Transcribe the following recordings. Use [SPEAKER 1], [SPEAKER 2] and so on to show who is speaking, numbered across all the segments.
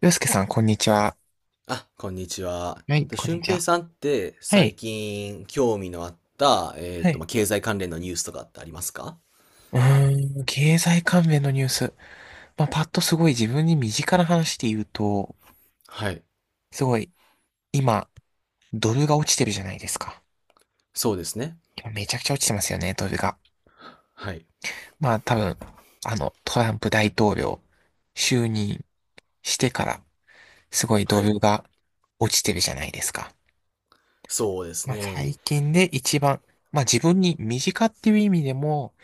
[SPEAKER 1] 洋介さん、こんにちは。
[SPEAKER 2] あ、こんにちは。
[SPEAKER 1] はい、こんに
[SPEAKER 2] 俊
[SPEAKER 1] ち
[SPEAKER 2] 平
[SPEAKER 1] は。
[SPEAKER 2] さんって
[SPEAKER 1] は
[SPEAKER 2] 最
[SPEAKER 1] い。
[SPEAKER 2] 近興味のあった、
[SPEAKER 1] はい。
[SPEAKER 2] 経済関連のニュースとかってありますか？
[SPEAKER 1] う経済関連のニュース。まあ、パッとすごい自分に身近な話で言うと、
[SPEAKER 2] はい。
[SPEAKER 1] すごい、今、ドルが落ちてるじゃないですか。
[SPEAKER 2] そうですね。
[SPEAKER 1] 今めちゃくちゃ落ちてますよね、ドルが。
[SPEAKER 2] はい。
[SPEAKER 1] まあ、多分、トランプ大統領、就任してから、すごい
[SPEAKER 2] は
[SPEAKER 1] ド
[SPEAKER 2] い。
[SPEAKER 1] ルが落ちてるじゃないですか。
[SPEAKER 2] そうです
[SPEAKER 1] まあ、
[SPEAKER 2] ね。
[SPEAKER 1] 最近で一番、まあ自分に身近っていう意味でも、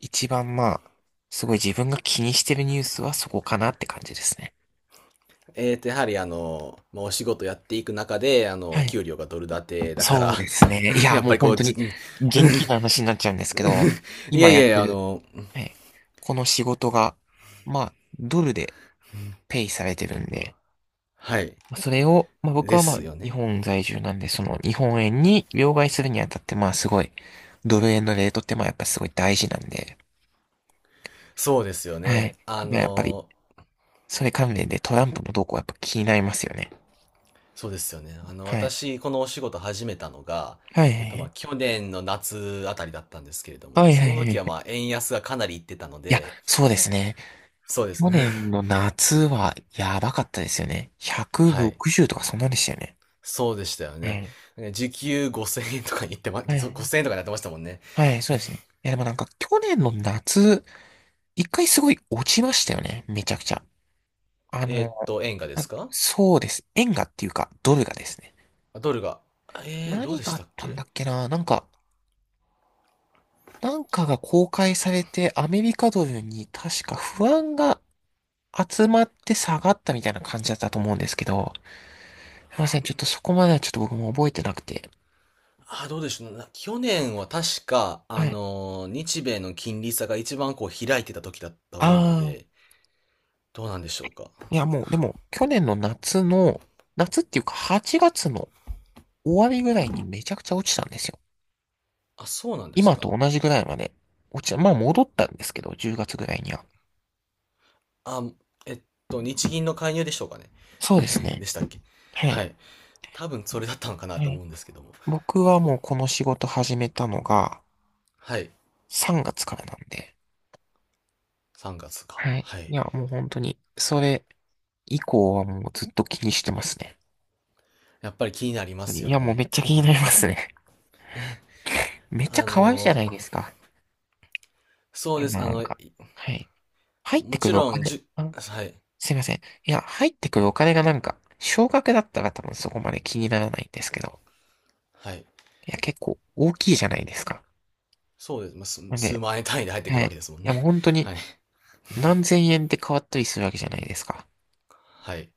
[SPEAKER 1] 一番まあ、すごい自分が気にしてるニュースはそこかなって感じですね。
[SPEAKER 2] やはりお仕事やっていく中で、
[SPEAKER 1] はい。
[SPEAKER 2] 給料がドル建てだか
[SPEAKER 1] そ
[SPEAKER 2] ら、
[SPEAKER 1] うですね。い や、
[SPEAKER 2] やっ
[SPEAKER 1] もう
[SPEAKER 2] ぱりこ
[SPEAKER 1] 本
[SPEAKER 2] う、
[SPEAKER 1] 当に
[SPEAKER 2] うん。
[SPEAKER 1] 元気な話になっちゃうんですけど、
[SPEAKER 2] いや
[SPEAKER 1] 今
[SPEAKER 2] い
[SPEAKER 1] や
[SPEAKER 2] やい
[SPEAKER 1] って
[SPEAKER 2] や、
[SPEAKER 1] る、はい。この仕事が、まあ、ドルでペイされてるんで、
[SPEAKER 2] はい。
[SPEAKER 1] それを、まあ僕
[SPEAKER 2] で
[SPEAKER 1] はまあ、
[SPEAKER 2] すよ
[SPEAKER 1] 日
[SPEAKER 2] ね。
[SPEAKER 1] 本在住なんで、その日本円に両替するにあたって、まあすごい、ドル円のレートってまあやっぱすごい大事なんで、
[SPEAKER 2] そうですよ
[SPEAKER 1] は
[SPEAKER 2] ね。
[SPEAKER 1] い。いややっぱり、それ関連でトランプの動向はやっぱ気になりますよね。
[SPEAKER 2] そうですよね。
[SPEAKER 1] はい。
[SPEAKER 2] 私、このお仕事始めたのが、
[SPEAKER 1] はい。
[SPEAKER 2] 去年の夏あたりだったんですけれども、
[SPEAKER 1] はい。は
[SPEAKER 2] そ
[SPEAKER 1] い。は
[SPEAKER 2] の
[SPEAKER 1] い。はいは
[SPEAKER 2] 時は
[SPEAKER 1] い
[SPEAKER 2] 円安がかなりいってたの
[SPEAKER 1] いや、
[SPEAKER 2] で、
[SPEAKER 1] そうですね。
[SPEAKER 2] そうです
[SPEAKER 1] 去
[SPEAKER 2] ね。
[SPEAKER 1] 年 の夏はやばかったですよね。
[SPEAKER 2] はい。
[SPEAKER 1] 160とかそんなんでしたよね。
[SPEAKER 2] そうでしたよ
[SPEAKER 1] は
[SPEAKER 2] ね。
[SPEAKER 1] い。
[SPEAKER 2] 時給5000円とかに言ってま、
[SPEAKER 1] は
[SPEAKER 2] そう
[SPEAKER 1] い。
[SPEAKER 2] 円とかになってましたもんね。
[SPEAKER 1] はい、そうですね。いや、でもなんか去年の夏、一回すごい落ちましたよね。めちゃくちゃ。あの、
[SPEAKER 2] 円がで
[SPEAKER 1] あ、
[SPEAKER 2] すか？
[SPEAKER 1] そうです。円がっていうか、ドルがですね。
[SPEAKER 2] あ、ドルが。どう
[SPEAKER 1] 何
[SPEAKER 2] で
[SPEAKER 1] が
[SPEAKER 2] し
[SPEAKER 1] あっ
[SPEAKER 2] たっ
[SPEAKER 1] たんだ
[SPEAKER 2] け？
[SPEAKER 1] っけな。なんか、なんかが公開されて、アメリカドルに確か不安が集まって下がったみたいな感じだったと思うんですけど、すいません、ちょっとそこまではちょっと僕も覚えてなくて。
[SPEAKER 2] あ、どうでしょう。去年は確か、
[SPEAKER 1] はい。
[SPEAKER 2] 日米の金利差が一番こう開いてた時だと
[SPEAKER 1] あ
[SPEAKER 2] 思うの
[SPEAKER 1] あ、
[SPEAKER 2] で、どうなんでしょうか。
[SPEAKER 1] いやもう、でも、去年の夏の、夏っていうか8月の終わりぐらいにめちゃくちゃ落ちたんですよ。
[SPEAKER 2] あ、そうなんです
[SPEAKER 1] 今と
[SPEAKER 2] か。
[SPEAKER 1] 同じぐらいまで落ちた。まあ戻ったんですけど、10月ぐらいには。
[SPEAKER 2] あ、えっ日銀の介入でしょうかね。
[SPEAKER 1] そうです
[SPEAKER 2] で
[SPEAKER 1] ね。
[SPEAKER 2] したっけ。
[SPEAKER 1] は
[SPEAKER 2] は
[SPEAKER 1] い。
[SPEAKER 2] い。多分それだったのかな
[SPEAKER 1] は
[SPEAKER 2] と
[SPEAKER 1] い。
[SPEAKER 2] 思うんですけども。
[SPEAKER 1] 僕はもうこの仕事始めたのが
[SPEAKER 2] はい。
[SPEAKER 1] 3月からなんで。
[SPEAKER 2] 3月か。
[SPEAKER 1] はい。
[SPEAKER 2] は
[SPEAKER 1] い
[SPEAKER 2] い。
[SPEAKER 1] や、もう本当に、それ以降はもうずっと気にしてますね。
[SPEAKER 2] やっぱり気になりま
[SPEAKER 1] 本当
[SPEAKER 2] す
[SPEAKER 1] にい
[SPEAKER 2] よ
[SPEAKER 1] や、もうめ
[SPEAKER 2] ね。
[SPEAKER 1] っちゃ気に
[SPEAKER 2] あ、
[SPEAKER 1] なりますね。めっちゃ
[SPEAKER 2] あ
[SPEAKER 1] 可愛いじゃ
[SPEAKER 2] のー、
[SPEAKER 1] ないですか。
[SPEAKER 2] そう
[SPEAKER 1] え、
[SPEAKER 2] で
[SPEAKER 1] ま
[SPEAKER 2] す。
[SPEAKER 1] あなんか、はい。入って
[SPEAKER 2] も
[SPEAKER 1] く
[SPEAKER 2] ち
[SPEAKER 1] るお
[SPEAKER 2] ろん、
[SPEAKER 1] 金、あ、
[SPEAKER 2] はい。
[SPEAKER 1] すいません。いや、入ってくるお金がなんか、少額だったら多分そこまで気にならないんですけど、
[SPEAKER 2] はい。
[SPEAKER 1] いや、結構大きいじゃないですか。
[SPEAKER 2] そうです。数
[SPEAKER 1] なん
[SPEAKER 2] 数
[SPEAKER 1] で、
[SPEAKER 2] 万円単位で入ってく
[SPEAKER 1] は
[SPEAKER 2] る
[SPEAKER 1] い。
[SPEAKER 2] わ
[SPEAKER 1] い
[SPEAKER 2] けですもん
[SPEAKER 1] や、
[SPEAKER 2] ね。
[SPEAKER 1] もう本当 に
[SPEAKER 2] はい。
[SPEAKER 1] 何千円で変わったりするわけじゃないですか。
[SPEAKER 2] はい。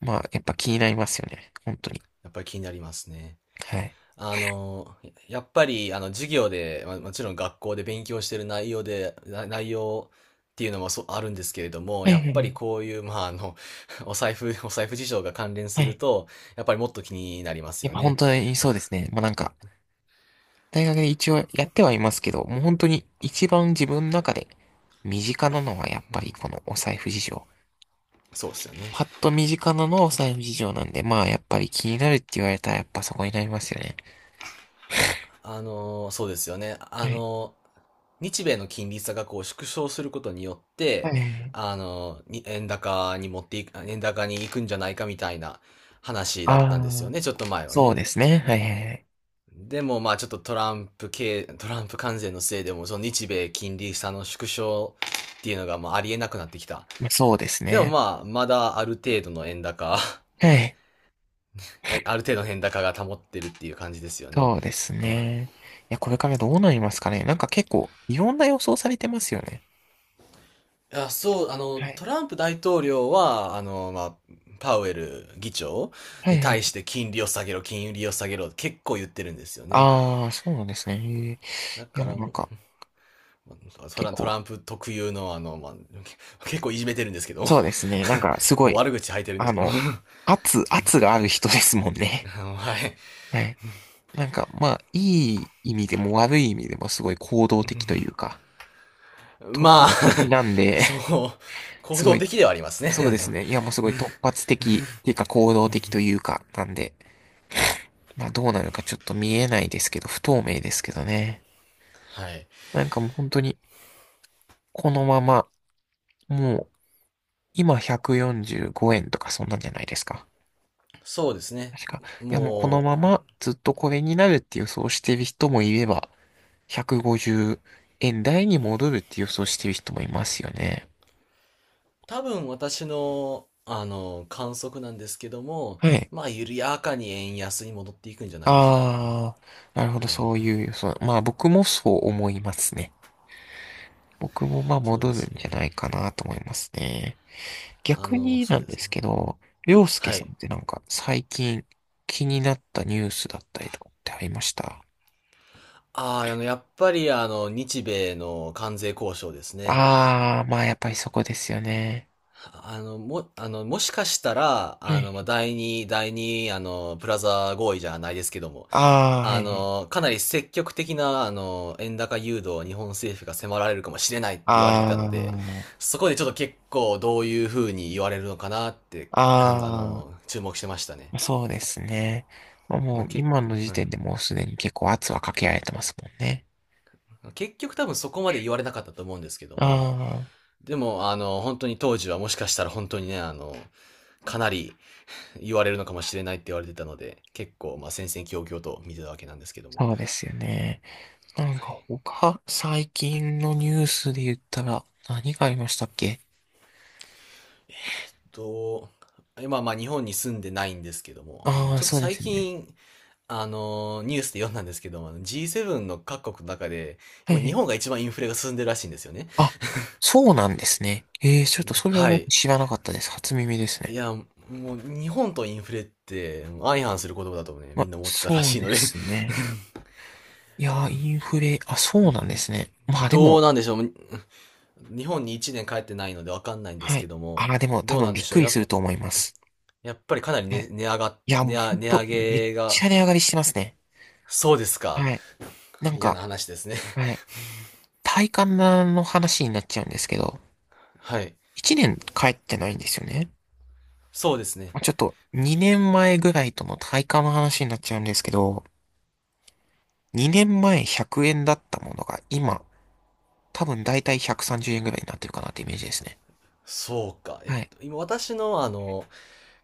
[SPEAKER 1] まあ、やっぱ気になりますよね。本当に。
[SPEAKER 2] やっぱり気になりますね。
[SPEAKER 1] はい。
[SPEAKER 2] あの、やっぱり、授業で、まあもちろん学校で勉強してる内容で、内容っていうのもそうあるんですけれども、
[SPEAKER 1] は
[SPEAKER 2] や
[SPEAKER 1] い
[SPEAKER 2] っ
[SPEAKER 1] はい
[SPEAKER 2] ぱ
[SPEAKER 1] は
[SPEAKER 2] り
[SPEAKER 1] い。
[SPEAKER 2] こういう、お財布事情が関連す
[SPEAKER 1] は
[SPEAKER 2] る
[SPEAKER 1] い
[SPEAKER 2] と、やっぱりもっと気になります
[SPEAKER 1] やっ
[SPEAKER 2] よ
[SPEAKER 1] ぱ本
[SPEAKER 2] ね。
[SPEAKER 1] 当に
[SPEAKER 2] あ、
[SPEAKER 1] そうですね。まあなんか、大学で一応やってはいますけど、もう本当に一番自分の中で身近なのはやっぱりこのお財布事情。
[SPEAKER 2] そうですよね。
[SPEAKER 1] パッと身近なのはお財布事情なんで、まあやっぱり気になるって言われたらやっぱそこになりますよね。
[SPEAKER 2] そうですよね。
[SPEAKER 1] はい。
[SPEAKER 2] 日米の金利差がこう縮小することによっ
[SPEAKER 1] は
[SPEAKER 2] て、
[SPEAKER 1] いはいはい。
[SPEAKER 2] 円高に持っていく、円高に行くんじゃないかみたいな話だっ
[SPEAKER 1] あ
[SPEAKER 2] たんですよ
[SPEAKER 1] あ、
[SPEAKER 2] ね、ちょっと前は
[SPEAKER 1] そう
[SPEAKER 2] ね。
[SPEAKER 1] ですね。はいはいはい。
[SPEAKER 2] でもちょっとトランプ関税のせいでもその日米金利差の縮小っていうのがありえなくなってきた。
[SPEAKER 1] まあ、そうです
[SPEAKER 2] でも
[SPEAKER 1] ね。
[SPEAKER 2] まだある程度の円高っ
[SPEAKER 1] は
[SPEAKER 2] て、
[SPEAKER 1] い。
[SPEAKER 2] ある程度の円高が保ってるっていう感じですよね。
[SPEAKER 1] そうです
[SPEAKER 2] あ
[SPEAKER 1] ね。いや、これからどうなりますかね。なんか結構いろんな予想されてますよね。
[SPEAKER 2] いやそう、
[SPEAKER 1] はい。
[SPEAKER 2] トランプ大統領は、パウエル議長
[SPEAKER 1] はい
[SPEAKER 2] に
[SPEAKER 1] は
[SPEAKER 2] 対
[SPEAKER 1] い。
[SPEAKER 2] して金利を下げろ、金利を下げろ、結構言ってるんですよね。
[SPEAKER 1] ああ、そうなんですね。へえ、
[SPEAKER 2] だ
[SPEAKER 1] いや、
[SPEAKER 2] か
[SPEAKER 1] もう
[SPEAKER 2] ら
[SPEAKER 1] なん
[SPEAKER 2] も
[SPEAKER 1] か
[SPEAKER 2] う、まト
[SPEAKER 1] 結
[SPEAKER 2] ラト
[SPEAKER 1] 構、
[SPEAKER 2] ランプ特有の結構いじめてるんですけど、
[SPEAKER 1] そうですね。なんかす ごい。
[SPEAKER 2] 悪口吐いてるんで
[SPEAKER 1] あ
[SPEAKER 2] すけど、
[SPEAKER 1] の、圧がある人ですもんね。
[SPEAKER 2] はい。
[SPEAKER 1] はい。なんか、まあ、いい意味でも悪い意味でもすごい行動的というか、突
[SPEAKER 2] まあ、
[SPEAKER 1] 発的なん で、
[SPEAKER 2] そ う、行
[SPEAKER 1] すご
[SPEAKER 2] 動
[SPEAKER 1] い、
[SPEAKER 2] 的ではあります
[SPEAKER 1] そう
[SPEAKER 2] ね。
[SPEAKER 1] ですね。い や、もうすごい突発的っていうか行動的というか、なんで、まあどうなるかちょっと見えないですけど、不透明ですけどね。
[SPEAKER 2] はい。
[SPEAKER 1] なんかもう本当に、このまま、もう、今145円とかそんなんじゃないですか。
[SPEAKER 2] そうですね。
[SPEAKER 1] 確か。いや、もうこの
[SPEAKER 2] も
[SPEAKER 1] ま
[SPEAKER 2] う、
[SPEAKER 1] まずっとこれになるって予想してる人もいれば、150円台に戻るって予想してる人もいますよね。
[SPEAKER 2] 多分私の、観測なんですけども、
[SPEAKER 1] はい。
[SPEAKER 2] 緩やかに円安に戻っていくんじゃないでしょうかね。
[SPEAKER 1] ああ、なるほど、
[SPEAKER 2] はい。
[SPEAKER 1] そういう予想。まあ僕もそう思いますね。僕もまあ
[SPEAKER 2] そう
[SPEAKER 1] 戻
[SPEAKER 2] で
[SPEAKER 1] る
[SPEAKER 2] す
[SPEAKER 1] ん
[SPEAKER 2] ね。
[SPEAKER 1] じゃないかなと思いますね。逆に
[SPEAKER 2] そ
[SPEAKER 1] な
[SPEAKER 2] う
[SPEAKER 1] ん
[SPEAKER 2] で
[SPEAKER 1] で
[SPEAKER 2] す
[SPEAKER 1] す
[SPEAKER 2] ね。
[SPEAKER 1] けど、りょうすけ
[SPEAKER 2] は
[SPEAKER 1] さん
[SPEAKER 2] い。
[SPEAKER 1] ってなんか最近気になったニュースだったりとかってありました？
[SPEAKER 2] ああ、やっぱり、日米の関税交渉ですね。
[SPEAKER 1] ああー、まあやっぱりそこですよね。
[SPEAKER 2] あの、も、あの、もしかしたら、
[SPEAKER 1] はい。
[SPEAKER 2] 第二、プラザ合意じゃないですけども、
[SPEAKER 1] ああ、はいはい。
[SPEAKER 2] かなり積極的な、円高誘導を日本政府が迫られるかもしれないって
[SPEAKER 1] あ
[SPEAKER 2] 言われてたので、そこでちょっと結構どういう風に言われるのかなって、
[SPEAKER 1] あ、
[SPEAKER 2] かん、あ
[SPEAKER 1] あ
[SPEAKER 2] の、
[SPEAKER 1] あ。
[SPEAKER 2] 注目してましたね。
[SPEAKER 1] そうですね。まあ
[SPEAKER 2] ま
[SPEAKER 1] も
[SPEAKER 2] あ、
[SPEAKER 1] う
[SPEAKER 2] け、
[SPEAKER 1] 今の時
[SPEAKER 2] は
[SPEAKER 1] 点
[SPEAKER 2] い。
[SPEAKER 1] でもうすでに結構圧はかけられてますもんね。
[SPEAKER 2] 結局多分そこまで言われなかったと思うんですけども、
[SPEAKER 1] ああ、
[SPEAKER 2] でも、本当に当時はもしかしたら本当にね、かなり言われるのかもしれないって言われてたので、結構、戦々恐々と見てたわけなんですけども。
[SPEAKER 1] そうですよね。なん
[SPEAKER 2] は
[SPEAKER 1] か
[SPEAKER 2] い。
[SPEAKER 1] 他、最近のニュースで言ったら何がありましたっけ？
[SPEAKER 2] と、今、日本に住んでないんですけども、
[SPEAKER 1] ああー、
[SPEAKER 2] ちょっと
[SPEAKER 1] そうで
[SPEAKER 2] 最
[SPEAKER 1] すよね。
[SPEAKER 2] 近、ニュースで読んだんですけども、G7 の各国の中で、
[SPEAKER 1] はい
[SPEAKER 2] 今、
[SPEAKER 1] は
[SPEAKER 2] 日
[SPEAKER 1] い。
[SPEAKER 2] 本が一番インフレが進んでるらしいんですよね。
[SPEAKER 1] あ、そうなんですね。ええ、ちょっとそれは
[SPEAKER 2] は
[SPEAKER 1] 僕
[SPEAKER 2] い。
[SPEAKER 1] 知らなかったです。初耳です
[SPEAKER 2] い
[SPEAKER 1] ね。
[SPEAKER 2] や、もう、日本とインフレって、相反する言葉だとね、
[SPEAKER 1] ま
[SPEAKER 2] み
[SPEAKER 1] あ、
[SPEAKER 2] んな思ってたら
[SPEAKER 1] そう
[SPEAKER 2] しいの
[SPEAKER 1] で
[SPEAKER 2] で、
[SPEAKER 1] すね。いやー、インフレ、あ、そう なんですね。まあで
[SPEAKER 2] どう
[SPEAKER 1] も、
[SPEAKER 2] なんでしょう。日本に1年帰ってないのでわかんないんで
[SPEAKER 1] は
[SPEAKER 2] すけ
[SPEAKER 1] い。
[SPEAKER 2] ど
[SPEAKER 1] あ
[SPEAKER 2] も、
[SPEAKER 1] あ、でも多
[SPEAKER 2] どう
[SPEAKER 1] 分
[SPEAKER 2] なん
[SPEAKER 1] び
[SPEAKER 2] で
[SPEAKER 1] っ
[SPEAKER 2] し
[SPEAKER 1] く
[SPEAKER 2] ょう。
[SPEAKER 1] りすると思います。
[SPEAKER 2] やっぱりかなり
[SPEAKER 1] はいいや、もうほん
[SPEAKER 2] 値
[SPEAKER 1] と、
[SPEAKER 2] 上
[SPEAKER 1] めっ
[SPEAKER 2] げ
[SPEAKER 1] ち
[SPEAKER 2] が、
[SPEAKER 1] ゃ値上がりしてますね。
[SPEAKER 2] そうですか。
[SPEAKER 1] はい。なん
[SPEAKER 2] 嫌
[SPEAKER 1] か、
[SPEAKER 2] な話ですね。
[SPEAKER 1] はい。体感の話になっちゃうんですけど、
[SPEAKER 2] はい。
[SPEAKER 1] 1年帰ってないんですよね。
[SPEAKER 2] そうですね。
[SPEAKER 1] まあ、ちょっと2年前ぐらいとの体感の話になっちゃうんですけど、2年前100円だったものが今、多分だいたい130円ぐらいになってるかなってイメージですね。
[SPEAKER 2] そうか。
[SPEAKER 1] はい。
[SPEAKER 2] 今私の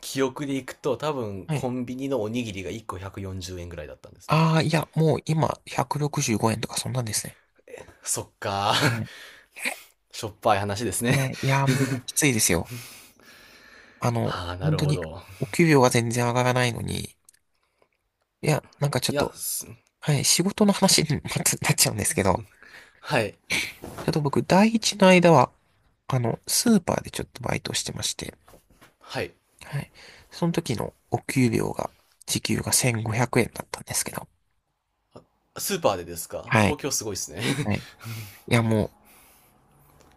[SPEAKER 2] 記憶でいくと多分
[SPEAKER 1] は
[SPEAKER 2] コ
[SPEAKER 1] い。
[SPEAKER 2] ンビニのおにぎりが1個140円ぐらいだったんですね。
[SPEAKER 1] ああ、いや、もう今165円とかそんなんですね。
[SPEAKER 2] そっか。
[SPEAKER 1] は い。
[SPEAKER 2] しょっぱい話です
[SPEAKER 1] は
[SPEAKER 2] ね。
[SPEAKER 1] いい や、もうきついですよ。
[SPEAKER 2] ああ、な
[SPEAKER 1] 本
[SPEAKER 2] る
[SPEAKER 1] 当
[SPEAKER 2] ほ
[SPEAKER 1] に
[SPEAKER 2] ど。
[SPEAKER 1] お給料が全然上がらないのに、いや、なんかちょ
[SPEAKER 2] い
[SPEAKER 1] っ
[SPEAKER 2] や、
[SPEAKER 1] と、はい、仕事の話に またなっちゃうんですけど、
[SPEAKER 2] はい。
[SPEAKER 1] ちょっと僕、第一の間は、スーパーでちょっとバイトをしてまして、
[SPEAKER 2] はい。
[SPEAKER 1] はい。その時のお給料が、時給が1500円だったんですけど、
[SPEAKER 2] スーパーでですか？
[SPEAKER 1] はい。
[SPEAKER 2] 東京すごいですね。
[SPEAKER 1] はい。いや、もう、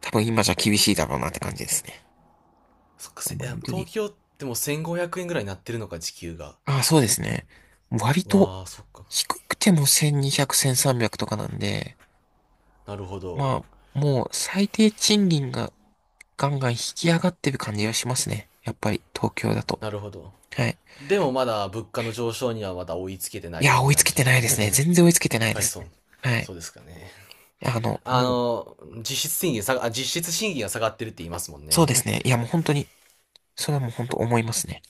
[SPEAKER 1] 多分今じゃ厳しいだろうなって感じですね。
[SPEAKER 2] そっか、い
[SPEAKER 1] もう
[SPEAKER 2] や
[SPEAKER 1] 本当に。
[SPEAKER 2] 東京ってもう1500円ぐらいになってるのか、時給が。
[SPEAKER 1] ああ、そうですね。割と、
[SPEAKER 2] わあ、そっか。
[SPEAKER 1] 低くても1200、1300とかなんで、
[SPEAKER 2] なるほど。
[SPEAKER 1] まあ、もう最低賃金がガンガン引き上がってる感じがしますね。やっぱり東京だと。
[SPEAKER 2] なるほど。
[SPEAKER 1] はい。
[SPEAKER 2] でもまだ物価の上昇にはまだ追いつけてな
[SPEAKER 1] い
[SPEAKER 2] い
[SPEAKER 1] や、
[SPEAKER 2] 感じ
[SPEAKER 1] 追い
[SPEAKER 2] な
[SPEAKER 1] つ
[SPEAKER 2] んで
[SPEAKER 1] け
[SPEAKER 2] し
[SPEAKER 1] て
[SPEAKER 2] ょう
[SPEAKER 1] な
[SPEAKER 2] か
[SPEAKER 1] いです
[SPEAKER 2] ね。
[SPEAKER 1] ね。
[SPEAKER 2] やっ
[SPEAKER 1] 全然追いつけてない
[SPEAKER 2] ぱ
[SPEAKER 1] で
[SPEAKER 2] り
[SPEAKER 1] す
[SPEAKER 2] そう、
[SPEAKER 1] ね。はい。
[SPEAKER 2] そうですかね。
[SPEAKER 1] もう、
[SPEAKER 2] 実質賃金が下がってるって言いますもん
[SPEAKER 1] そう
[SPEAKER 2] ね。
[SPEAKER 1] ですね。いや、もう本当に、それはもう本当思いますね。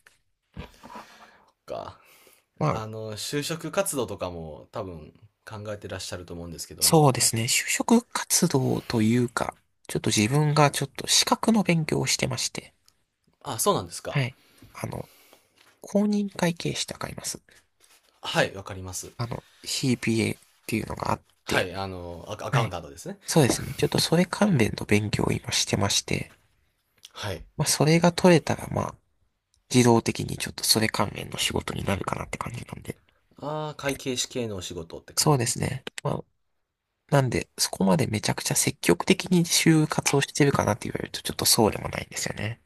[SPEAKER 2] か。
[SPEAKER 1] まあ、
[SPEAKER 2] 就職活動とかも多分考えてらっしゃると思うんですけど
[SPEAKER 1] そ
[SPEAKER 2] も。
[SPEAKER 1] うですね。就職活動というか、ちょっと自分がちょっと資格の勉強をしてまして、
[SPEAKER 2] あ、そうなんです
[SPEAKER 1] は
[SPEAKER 2] か。
[SPEAKER 1] い。あの、公認会計士ってわかります？
[SPEAKER 2] はい、わかります。
[SPEAKER 1] CPA っていうのがあっ
[SPEAKER 2] は
[SPEAKER 1] て、
[SPEAKER 2] い、アカア
[SPEAKER 1] は
[SPEAKER 2] カウン
[SPEAKER 1] い。
[SPEAKER 2] タントですね。
[SPEAKER 1] そうですね。ちょっとそれ関連の勉強を今してまして、
[SPEAKER 2] はい。
[SPEAKER 1] まあ、それが取れたら、まあ、自動的にちょっとそれ関連の仕事になるかなって感じなんで。
[SPEAKER 2] ああ、会計士系のお仕事って感
[SPEAKER 1] そう
[SPEAKER 2] じで
[SPEAKER 1] で
[SPEAKER 2] す。
[SPEAKER 1] すね。まあ、なんで、そこまでめちゃくちゃ積極的に就活をしてるかなって言われると、ちょっとそうでもないんですよね。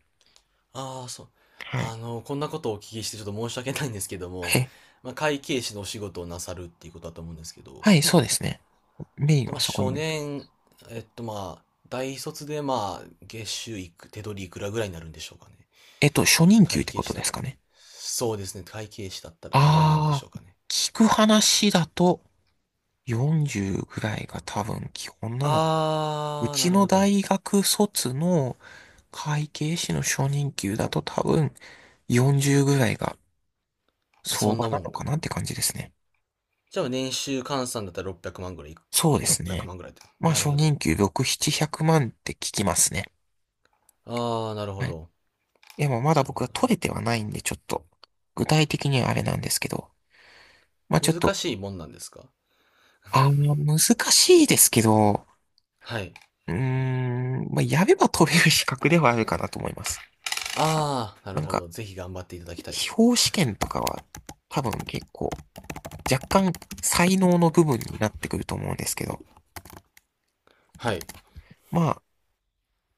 [SPEAKER 2] ああ、そう。
[SPEAKER 1] はい。
[SPEAKER 2] こんなことをお聞きしてちょっと申し訳ないんですけども、
[SPEAKER 1] え、
[SPEAKER 2] 会計士のお仕事をなさるっていうことだと思うんですけど、
[SPEAKER 1] はい、そうですね。
[SPEAKER 2] えっ
[SPEAKER 1] メイン
[SPEAKER 2] と、ま
[SPEAKER 1] は
[SPEAKER 2] あ、
[SPEAKER 1] そこに
[SPEAKER 2] 初
[SPEAKER 1] なると。
[SPEAKER 2] 年、えっと、まあ、大卒で、月収いく、手取りいくらぐらいになるんでしょうかね。
[SPEAKER 1] えっと、初任給っ
[SPEAKER 2] 会
[SPEAKER 1] てこ
[SPEAKER 2] 計
[SPEAKER 1] と
[SPEAKER 2] 士
[SPEAKER 1] で
[SPEAKER 2] だ、
[SPEAKER 1] すかね。
[SPEAKER 2] そうですね。会計士だったらどのぐらいになるんで
[SPEAKER 1] あ
[SPEAKER 2] しょう
[SPEAKER 1] ー、
[SPEAKER 2] かね。
[SPEAKER 1] 聞く話だと40ぐらいが多分基本なのか。う
[SPEAKER 2] あー、な
[SPEAKER 1] ち
[SPEAKER 2] る
[SPEAKER 1] の
[SPEAKER 2] ほど。
[SPEAKER 1] 大学卒の会計士の初任給だと多分40ぐらいが
[SPEAKER 2] まあ、そ
[SPEAKER 1] 相
[SPEAKER 2] ん
[SPEAKER 1] 場
[SPEAKER 2] なも
[SPEAKER 1] なの
[SPEAKER 2] んか
[SPEAKER 1] かな
[SPEAKER 2] も。
[SPEAKER 1] って感じですね。
[SPEAKER 2] じゃあ、年収換算だったら600万ぐらいい
[SPEAKER 1] そうです
[SPEAKER 2] く、
[SPEAKER 1] ね。
[SPEAKER 2] 万ぐらいって
[SPEAKER 1] まあ、
[SPEAKER 2] なる
[SPEAKER 1] 初
[SPEAKER 2] ほ
[SPEAKER 1] 任
[SPEAKER 2] ど。
[SPEAKER 1] 給6、700万って聞きますね。
[SPEAKER 2] あー、なるほ
[SPEAKER 1] はい。
[SPEAKER 2] ど。
[SPEAKER 1] でもまだ
[SPEAKER 2] なる
[SPEAKER 1] 僕
[SPEAKER 2] ほ
[SPEAKER 1] は
[SPEAKER 2] ど、なる
[SPEAKER 1] 取
[SPEAKER 2] ほ
[SPEAKER 1] れてはないんで、ちょっと、具体的にはあれなんですけど、まあ
[SPEAKER 2] ど。
[SPEAKER 1] ちょっ
[SPEAKER 2] 難
[SPEAKER 1] と、
[SPEAKER 2] しいもんなんですか？
[SPEAKER 1] 難しいですけど、
[SPEAKER 2] はい。
[SPEAKER 1] うーん、まあ、やれば取れる資格ではあるかなと思います。
[SPEAKER 2] ああ、な
[SPEAKER 1] まあ
[SPEAKER 2] る
[SPEAKER 1] なん
[SPEAKER 2] ほ
[SPEAKER 1] か、
[SPEAKER 2] ど。ぜひ頑張っていただきたいで
[SPEAKER 1] 司
[SPEAKER 2] すね。
[SPEAKER 1] 法試験とかは、多分結構、若干、才能の部分になってくると思うんですけど、
[SPEAKER 2] はい。
[SPEAKER 1] まあ、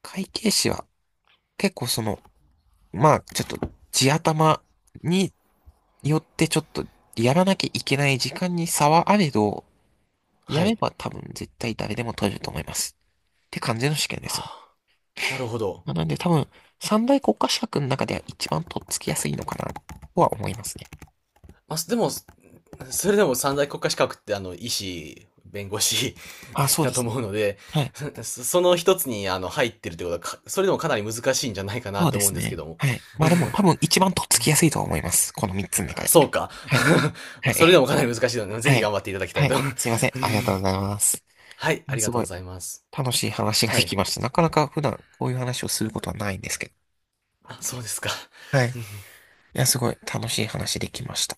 [SPEAKER 1] 会計士は、結構その、まあ、ちょっと、地頭によってちょっと、やらなきゃいけない時間に差はあれど、や
[SPEAKER 2] は
[SPEAKER 1] れ
[SPEAKER 2] い。
[SPEAKER 1] ば多分絶対誰でも取れると思います。って感じの試験です。
[SPEAKER 2] なるほど。
[SPEAKER 1] まあなんで多分、三大国家資格の中では一番とっつきやすいのかな、とは思いますね。
[SPEAKER 2] まあ、すでも、すそれでも三大国家資格って、医師、弁護士
[SPEAKER 1] あ、そう
[SPEAKER 2] だ
[SPEAKER 1] で
[SPEAKER 2] と
[SPEAKER 1] すね。
[SPEAKER 2] 思うので、
[SPEAKER 1] はい。
[SPEAKER 2] その一つに、入ってるってことは、それでもかなり難しいんじゃないかな
[SPEAKER 1] そう
[SPEAKER 2] と
[SPEAKER 1] で
[SPEAKER 2] 思うん
[SPEAKER 1] す
[SPEAKER 2] ですけ
[SPEAKER 1] ね。
[SPEAKER 2] ども。
[SPEAKER 1] はい。まあでも、多分一番とっつきやすいとは思います。この三つの中
[SPEAKER 2] あ
[SPEAKER 1] で。
[SPEAKER 2] そうか。
[SPEAKER 1] はい。は
[SPEAKER 2] まあそれで
[SPEAKER 1] い。
[SPEAKER 2] もかなり難しいので、ぜ
[SPEAKER 1] は
[SPEAKER 2] ひ頑
[SPEAKER 1] い。
[SPEAKER 2] 張っていただきた
[SPEAKER 1] は
[SPEAKER 2] いと。
[SPEAKER 1] い。すい ません。ありがとうございます。
[SPEAKER 2] はい、
[SPEAKER 1] ま
[SPEAKER 2] あ
[SPEAKER 1] あ、
[SPEAKER 2] り
[SPEAKER 1] す
[SPEAKER 2] がと
[SPEAKER 1] ご
[SPEAKER 2] うご
[SPEAKER 1] い。
[SPEAKER 2] ざいます。
[SPEAKER 1] 楽しい話が
[SPEAKER 2] は
[SPEAKER 1] でき
[SPEAKER 2] い。
[SPEAKER 1] ました。なかなか普段こういう話をすることはないんですけ
[SPEAKER 2] あ、そうですか。
[SPEAKER 1] ど。はい。いや、すごい楽しい話できました。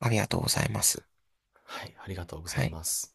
[SPEAKER 1] ありがとうございます。
[SPEAKER 2] はい、ありがとうござ
[SPEAKER 1] は
[SPEAKER 2] い
[SPEAKER 1] い。
[SPEAKER 2] ます。